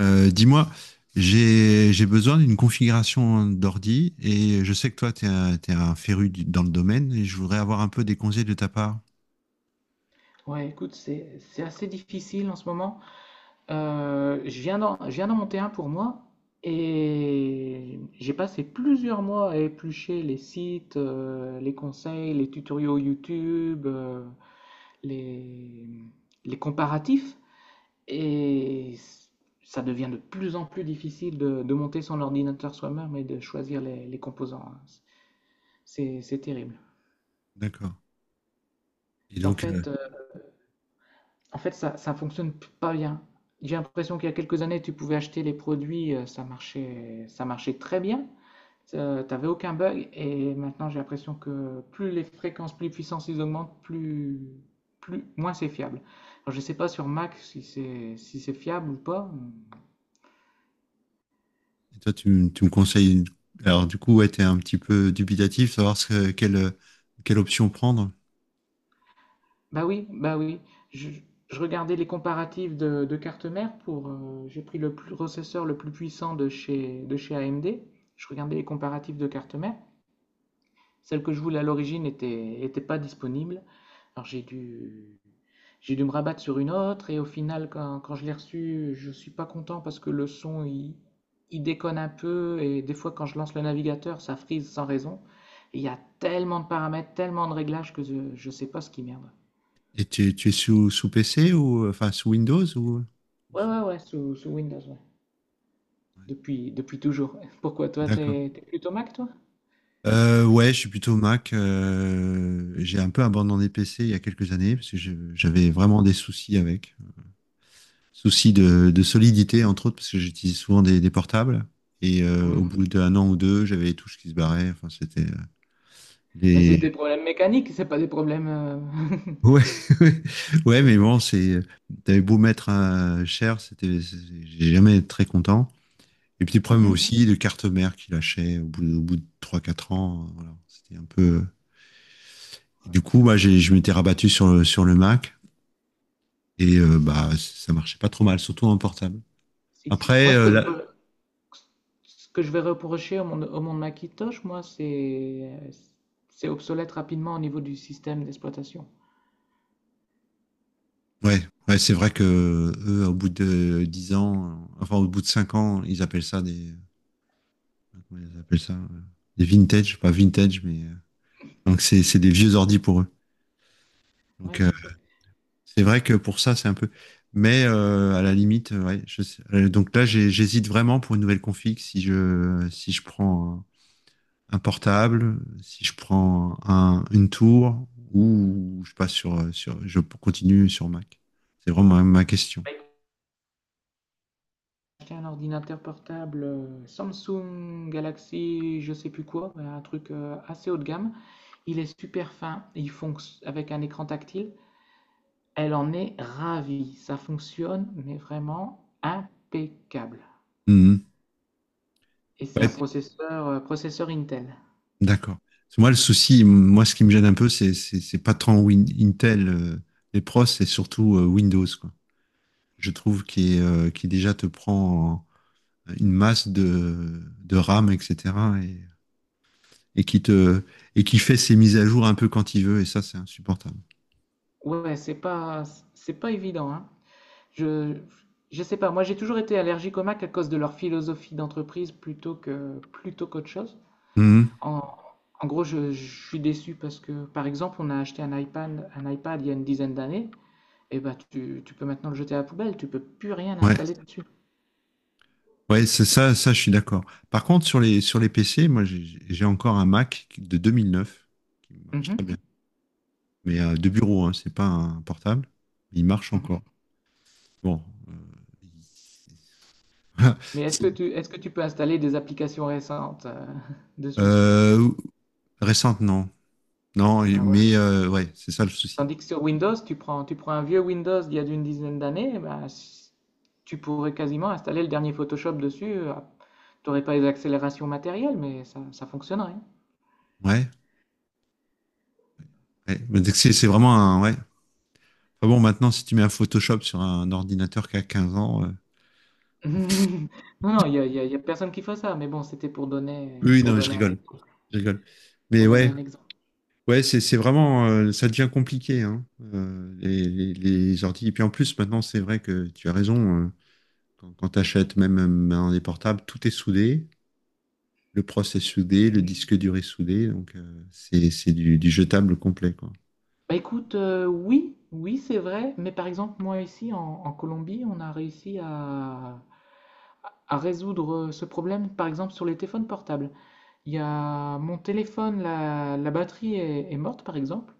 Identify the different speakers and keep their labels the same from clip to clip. Speaker 1: Dis-moi, j'ai besoin d'une configuration d'ordi et je sais que toi, tu es un, t'es un féru du- dans le domaine et je voudrais avoir un peu des conseils de ta part.
Speaker 2: Ouais, écoute, c'est assez difficile en ce moment. Je viens d'en monter un pour moi et j'ai passé plusieurs mois à éplucher les sites, les conseils, les tutoriaux YouTube, les, les comparatifs et ça devient de plus en plus difficile de monter son ordinateur soi-même et de choisir les composants, hein. C'est terrible.
Speaker 1: D'accord. Et
Speaker 2: En
Speaker 1: donc,
Speaker 2: fait, En fait, ça fonctionne pas bien. J'ai l'impression qu'il y a quelques années, tu pouvais acheter les produits, ça marchait très bien. T'avais aucun bug. Et maintenant, j'ai l'impression que plus les fréquences, plus les puissances ils augmentent, plus, plus, moins c'est fiable. Alors, je sais pas sur Mac si c'est si c'est fiable ou pas.
Speaker 1: et toi, tu me conseilles. Alors, du coup, ouais, tu es un petit peu dubitatif, savoir ce que- quelle, quelle option prendre.
Speaker 2: Bah oui, bah oui. Je, je regardais les comparatifs de cartes mères pour. J'ai pris le processeur le plus puissant de chez AMD. Je regardais les comparatifs de cartes mères. Celle que je voulais à l'origine était pas disponible. Alors j'ai dû, j'ai dû me rabattre sur une autre et au final, quand je l'ai reçue, je suis pas content parce que le son, il déconne un peu et des fois quand je lance le navigateur, ça frise sans raison. Et il y a tellement de paramètres, tellement de réglages que je sais pas ce qui merde.
Speaker 1: Et tu es sous PC ou enfin sous Windows ou.
Speaker 2: Ouais, ouais, ouais, sous Windows, ouais.
Speaker 1: Ouais.
Speaker 2: Depuis, depuis toujours. Pourquoi toi,
Speaker 1: D'accord.
Speaker 2: t'es plutôt Mac, toi?
Speaker 1: Ouais, je suis plutôt Mac. J'ai un peu abandonné PC il y a quelques années parce que je- j'avais vraiment des soucis avec. Soucis de solidité, entre autres, parce que j'utilise souvent des portables. Et au
Speaker 2: Hmm.
Speaker 1: bout d'un an ou deux, j'avais les touches qui se barraient. Enfin, c'était
Speaker 2: Mais c'est
Speaker 1: les.
Speaker 2: des problèmes mécaniques, c'est pas des problèmes.
Speaker 1: Ouais, ouais, mais bon, c'est. T'avais beau mettre un cher, c'était. C'est- J'ai jamais été très content. Et puis, problème
Speaker 2: Mhm.
Speaker 1: aussi de carte mère qui lâchait au bout de trois quatre ans. Voilà, c'était un peu. Et
Speaker 2: Ouais.
Speaker 1: du coup, moi, j'ai- je m'étais rabattu sur le Mac et bah, ça marchait pas trop mal, surtout en portable.
Speaker 2: Si.
Speaker 1: Après,
Speaker 2: Moi, ce que je,
Speaker 1: là,
Speaker 2: re- Ce que je vais reprocher au monde Macintosh, moi, c'est obsolète rapidement au niveau du système d'exploitation.
Speaker 1: ouais, ouais, c'est vrai que eux, au bout de 10 ans, enfin, au bout de 5 ans, ils appellent ça des, comment ils appellent ça, des vintage, pas vintage, mais donc c'est des vieux ordi pour eux.
Speaker 2: Ouais,
Speaker 1: Donc,
Speaker 2: ouais, c'est-
Speaker 1: c'est vrai que pour ça, c'est un peu, mais à la limite, ouais, je sais- donc là, j'ai- j'hésite vraiment pour une nouvelle config si je, si je prends un portable, si je prends un, une tour ou je passe sur, sur, je continue sur Mac. C'est vraiment ma, ma question.
Speaker 2: Acheté un ordinateur portable Samsung Galaxy, je sais plus quoi, ouais, un truc assez haut de gamme. Il est super fin, il fonctionne avec un écran tactile. Elle en est ravie, ça fonctionne, mais vraiment impeccable.
Speaker 1: Mhm.
Speaker 2: Et c'est
Speaker 1: Ouais,
Speaker 2: un processeur, processeur Intel.
Speaker 1: d'accord. Parce que moi, le souci, moi, ce qui me gêne un peu, c'est c'est pas tant Win- Intel, les pros, c'est surtout Windows, quoi. Je trouve qu'il est, qu'il déjà te prend en- une masse de RAM, etc. et qui te et qui fait ses mises à jour un peu quand il veut et ça c'est insupportable.
Speaker 2: Ouais, ouais, c'est pas évident, hein. Je, je sais pas, moi j'ai toujours été allergique aux Mac à cause de leur philosophie d'entreprise plutôt qu'autre chose.
Speaker 1: Mhm.
Speaker 2: En, en gros, je suis déçu parce que, par exemple, on a acheté un iPad il y a une dizaine d'années, et bah tu peux maintenant le jeter à la poubelle, tu peux plus rien
Speaker 1: Ouais,
Speaker 2: installer dessus.
Speaker 1: ouais, c'est ça, ça je suis d'accord. Par contre sur les PC, moi j'ai encore un Mac de 2009 qui marche très
Speaker 2: Mhm,
Speaker 1: bien, mais de bureau, hein, c'est pas un portable, il marche
Speaker 2: mhm.
Speaker 1: encore. Bon, voilà.
Speaker 2: Mais
Speaker 1: C'est-
Speaker 2: est-ce que tu peux installer des applications récentes dessus?
Speaker 1: euh, récente non, non,
Speaker 2: Ah, voilà.
Speaker 1: mais ouais, c'est ça le souci.
Speaker 2: Tandis que sur Windows, tu prends un vieux Windows d'il y a une dizaine d'années, eh ben, tu pourrais quasiment installer le dernier Photoshop dessus, t'aurais pas les accélérations matérielles, mais ça fonctionnerait.
Speaker 1: Ouais, ouais. Mais
Speaker 2: Donc,
Speaker 1: C'est
Speaker 2: c'est-
Speaker 1: c'est vraiment un ouais. Enfin bon, maintenant si tu mets un Photoshop sur un ordinateur qui a 15 ans.
Speaker 2: non, non, il y a personne qui fait ça, mais bon, c'était
Speaker 1: Oui, oui, non,
Speaker 2: pour
Speaker 1: mais je
Speaker 2: donner un
Speaker 1: rigole.
Speaker 2: exemple.
Speaker 1: Je rigole. Mais
Speaker 2: Pour donner
Speaker 1: ouais,
Speaker 2: un exemple.
Speaker 1: ouais, c'est vraiment, ça devient compliqué, hein, les ordi. Et puis en plus, maintenant, c'est vrai que tu as raison. Quand quand tu achètes même maintenant des portables, tout est soudé. Le processeur est soudé, le
Speaker 2: Mhm.
Speaker 1: disque dur est soudé. Donc, c'est du jetable complet, quoi.
Speaker 2: Bah écoute, oui, oui, c'est vrai, mais par exemple, moi en Colombie, on a réussi à résoudre ce problème, par exemple, sur les téléphones portables. Il y a mon téléphone, la batterie est morte, par exemple.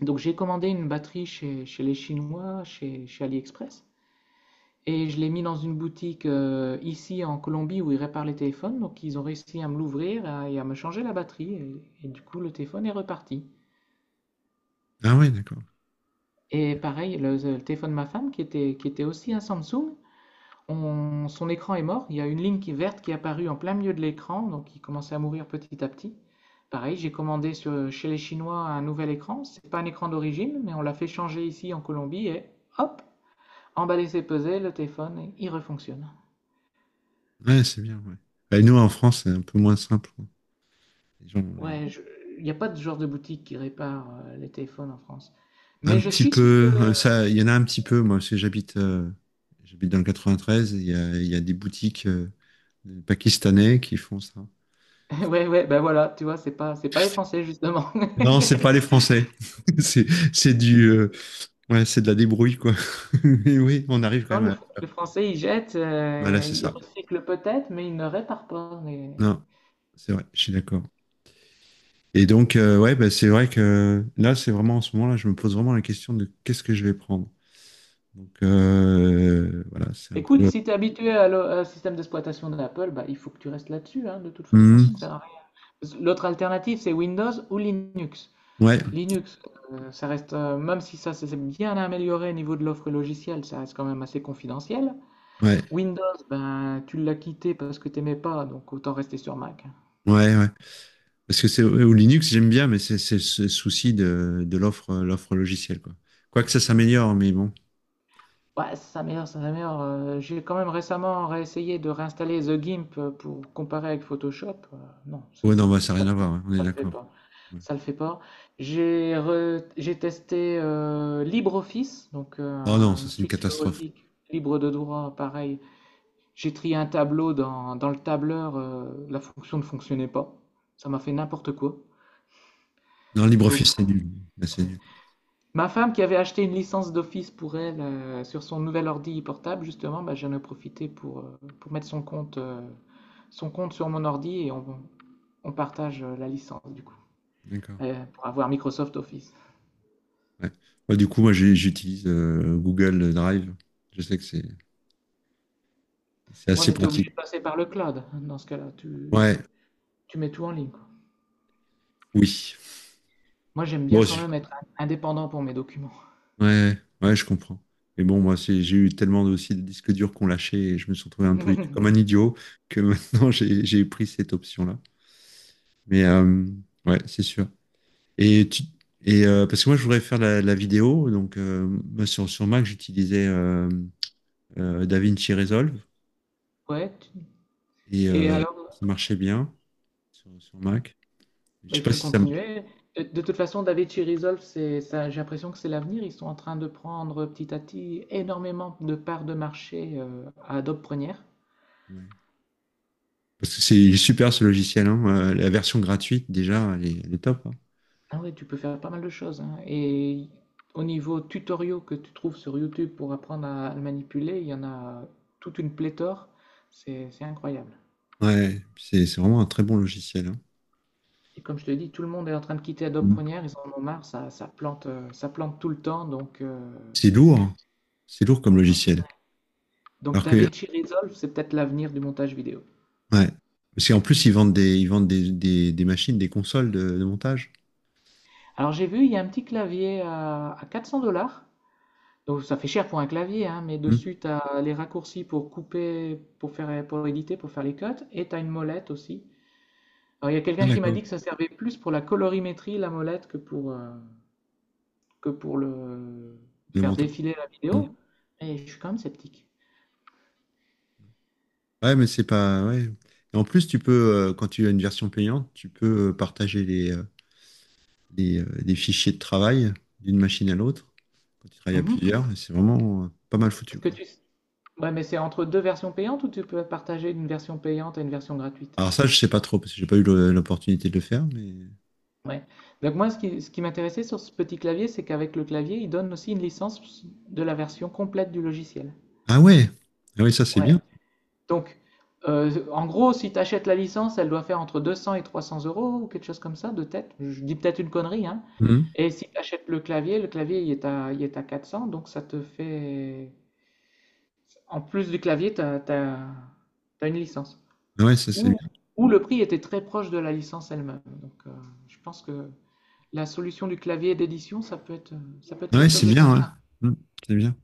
Speaker 2: Donc j'ai commandé une batterie chez, chez les Chinois, chez, chez AliExpress. Et je l'ai mis dans une boutique ici en Colombie où ils réparent les téléphones. Donc ils ont réussi à me l'ouvrir et à me changer la batterie. Et du coup, le téléphone est reparti.
Speaker 1: Ah ouais, d'accord.
Speaker 2: Et pareil, le téléphone de ma femme, qui était aussi un Samsung, son écran est mort. Il y a une ligne qui verte qui est apparue en plein milieu de l'écran. Donc il commençait à mourir petit à petit. Pareil, chez les Chinois un nouvel écran. C'est pas un écran d'origine, mais on l'a fait changer ici en Colombie. Et hop, emballé, c'est pesé, le téléphone, il refonctionne.
Speaker 1: Ouais, c'est bien, ouais. Bah, nous, en France, c'est un peu moins simple, quoi. Les gens, les-
Speaker 2: Ouais, il n'y a pas de genre de boutique qui répare les téléphones en France. Mais
Speaker 1: Un
Speaker 2: je
Speaker 1: petit
Speaker 2: suis
Speaker 1: peu,
Speaker 2: quelques...
Speaker 1: ça, il y en a un petit peu, moi, parce que j'habite j'habite dans le 93, il y a des boutiques. Les Pakistanais qui font ça.
Speaker 2: Ouais, ouais, ben voilà, tu vois, c'est pas les Français, justement.
Speaker 1: Non, c'est pas les Français. c'est c'est du ouais, c'est de la débrouille quoi. Mais oui, on arrive quand
Speaker 2: Non,
Speaker 1: même à
Speaker 2: le Français, il jette,
Speaker 1: voilà, c'est
Speaker 2: il
Speaker 1: ça.
Speaker 2: recycle peut-être, mais il ne répare pas. Mais...
Speaker 1: Non, c'est vrai, je suis d'accord. Et donc ouais, bah, c'est vrai que là, c'est vraiment en ce moment là, je me pose vraiment la question de qu'est-ce que je vais prendre. Donc voilà, c'est un
Speaker 2: Écoute,
Speaker 1: peu
Speaker 2: si tu es habitué à un système d'exploitation d'Apple, bah, il faut que tu restes là-dessus, hein, de toute façon, ça
Speaker 1: mhm.
Speaker 2: sert à rien. L'autre alternative, c'est Windows ou Linux.
Speaker 1: Ouais,
Speaker 2: Linux, ça reste, même si ça s'est bien amélioré au niveau de l'offre logicielle, ça reste quand même assez confidentiel.
Speaker 1: ouais.
Speaker 2: Windows, ben, tu l'as quitté parce que t'aimais pas, donc autant rester sur Mac.
Speaker 1: Ouais, ouais. Parce que c'est au Linux, j'aime bien, mais c'est ce souci de l'offre l'offre logicielle quoi. Quoique ça
Speaker 2: Oui.
Speaker 1: s'améliore, mais bon.
Speaker 2: Ouais, sa mère. J'ai quand même récemment réessayé de réinstaller The Gimp pour comparer avec Photoshop. Non,
Speaker 1: Ouais, non, bah, ça n'a
Speaker 2: ça,
Speaker 1: rien à voir, hein, on est
Speaker 2: ça le fait
Speaker 1: d'accord.
Speaker 2: pas. Ça le fait pas. J'ai testé LibreOffice,
Speaker 1: Oh non, ça
Speaker 2: une
Speaker 1: c'est une
Speaker 2: suite
Speaker 1: catastrophe.
Speaker 2: bureautique libre de droit, pareil. J'ai trié un tableau dans le tableur, la fonction ne fonctionnait pas. Ça m'a fait n'importe quoi.
Speaker 1: Non,
Speaker 2: Donc,
Speaker 1: LibreOffice, c'est nul. Là, c'est
Speaker 2: ouais.
Speaker 1: nul.
Speaker 2: Ma femme qui avait acheté une licence d'office pour elle sur son nouvel ordi portable, justement, bah, j'en ai profité pour mettre son compte sur mon ordi et on partage la licence du coup
Speaker 1: D'accord.
Speaker 2: pour avoir Microsoft Office.
Speaker 1: Ouais. Ouais, du coup, moi, j'ai- j'utilise Google Drive. Je sais que c'est
Speaker 2: Ouais,
Speaker 1: assez
Speaker 2: mais
Speaker 1: Ah,
Speaker 2: tu es
Speaker 1: pratique.
Speaker 2: obligé de passer par le cloud dans ce cas-là.
Speaker 1: Ouais,
Speaker 2: Tu mets tout en ligne, quoi.
Speaker 1: oui.
Speaker 2: Moi, j'aime
Speaker 1: Bon,
Speaker 2: bien quand
Speaker 1: je-
Speaker 2: même être indépendant pour mes documents.
Speaker 1: ouais, ouais, je comprends. Mais bon, moi, c'est- j'ai eu tellement de- aussi de disques durs qu'on lâchait et je me suis retrouvé un peu comme un idiot que maintenant, j'ai pris cette option-là. Mais ouais, c'est sûr. Et, tu- et parce que moi, je voudrais faire la vidéo. Donc, moi, sur, sur Mac, j'utilisais DaVinci Resolve.
Speaker 2: Ouais.
Speaker 1: Et
Speaker 2: Et alors,
Speaker 1: ça marchait bien sur, sur Mac. Je
Speaker 2: bah,
Speaker 1: sais
Speaker 2: il
Speaker 1: pas
Speaker 2: faut
Speaker 1: si ça.
Speaker 2: continuer. De toute façon, DaVinci Resolve, c'est ça, j'ai l'impression que c'est l'avenir. Ils sont en train de prendre petit à petit énormément de parts de marché à Adobe Premiere.
Speaker 1: Ouais. Parce que c'est super ce logiciel, hein. La version gratuite, déjà, elle est top, hein.
Speaker 2: Ah ouais, tu peux faire pas mal de choses, hein. Et au niveau tutoriaux que tu trouves sur YouTube pour apprendre à le manipuler, il y en a toute une pléthore. C'est incroyable.
Speaker 1: Ouais, puis c'est vraiment un très bon logiciel, hein.
Speaker 2: Et comme je te dis, tout le monde est en train de quitter Adobe
Speaker 1: Mm.
Speaker 2: Premiere. Ils en ont marre. Ça plante tout le temps.
Speaker 1: C'est lourd, hein. C'est lourd comme logiciel.
Speaker 2: Donc
Speaker 1: Alors que,
Speaker 2: DaVinci Resolve, c'est peut-être l'avenir du montage vidéo.
Speaker 1: ouais. Parce qu'en plus, ils vendent des machines, des consoles de montage.
Speaker 2: Alors j'ai vu, il y a un petit clavier à 400 dollars. Donc ça fait cher pour un clavier, hein, mais
Speaker 1: Hmm.
Speaker 2: dessus tu as les raccourcis pour couper, pour faire, pour éditer, pour faire les cuts, et tu as une molette aussi. Alors il y a
Speaker 1: Ah,
Speaker 2: quelqu'un qui m'a
Speaker 1: d'accord.
Speaker 2: dit que ça servait plus pour la colorimétrie, la molette, que pour le
Speaker 1: Le
Speaker 2: faire
Speaker 1: montage.
Speaker 2: défiler la
Speaker 1: Hmm.
Speaker 2: vidéo. Mais je suis quand même sceptique.
Speaker 1: Ouais, mais c'est pas. Ouais. Et en plus, tu peux, quand tu as une version payante, tu peux partager les fichiers de travail d'une machine à l'autre. Quand tu travailles à
Speaker 2: Mhm.
Speaker 1: plusieurs, et c'est vraiment pas mal foutu,
Speaker 2: Est-ce que
Speaker 1: quoi.
Speaker 2: tu... Ouais, mais c'est entre deux versions payantes ou tu peux partager une version payante et une version gratuite?
Speaker 1: Alors ça, je sais pas trop, parce que j'ai pas eu le- l'opportunité de le faire, mais...
Speaker 2: Ouais. Donc moi, ce qui m'intéressait sur ce petit clavier, c'est qu'avec le clavier, il donne aussi une licence de la version complète du logiciel.
Speaker 1: Ah ouais! Ah ouais, ça c'est
Speaker 2: Ouais.
Speaker 1: bien.
Speaker 2: Donc, en gros, si tu achètes la licence, elle doit faire entre 200 et 300 euros ou quelque chose comme ça de tête. Je dis peut-être une connerie, hein.
Speaker 1: Mhm.
Speaker 2: Et si tu achètes le clavier, il est à 400, donc ça te fait... En plus du clavier, t'as une licence.
Speaker 1: Ah ouais, ça c'est
Speaker 2: Ou,
Speaker 1: bien.
Speaker 2: ou le prix était très proche de la licence elle-même. Donc, je pense que... La solution du clavier d'édition, ça peut être
Speaker 1: Ah
Speaker 2: quelque
Speaker 1: ouais,
Speaker 2: chose
Speaker 1: c'est
Speaker 2: de
Speaker 1: bien,
Speaker 2: simple.
Speaker 1: ouais. Mhm, c'est bien.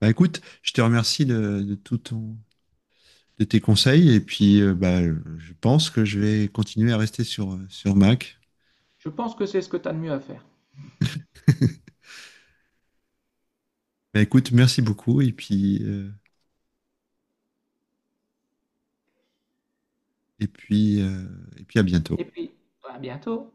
Speaker 1: Bah écoute, je te remercie de tout ton, de tes conseils, et puis bah, je pense que je vais continuer à rester sur, sur Mac.
Speaker 2: Je pense que c'est ce que tu as de mieux à faire.
Speaker 1: Bah écoute, merci beaucoup, et puis, et puis, euh, et puis à
Speaker 2: Et
Speaker 1: bientôt.
Speaker 2: puis, à bientôt.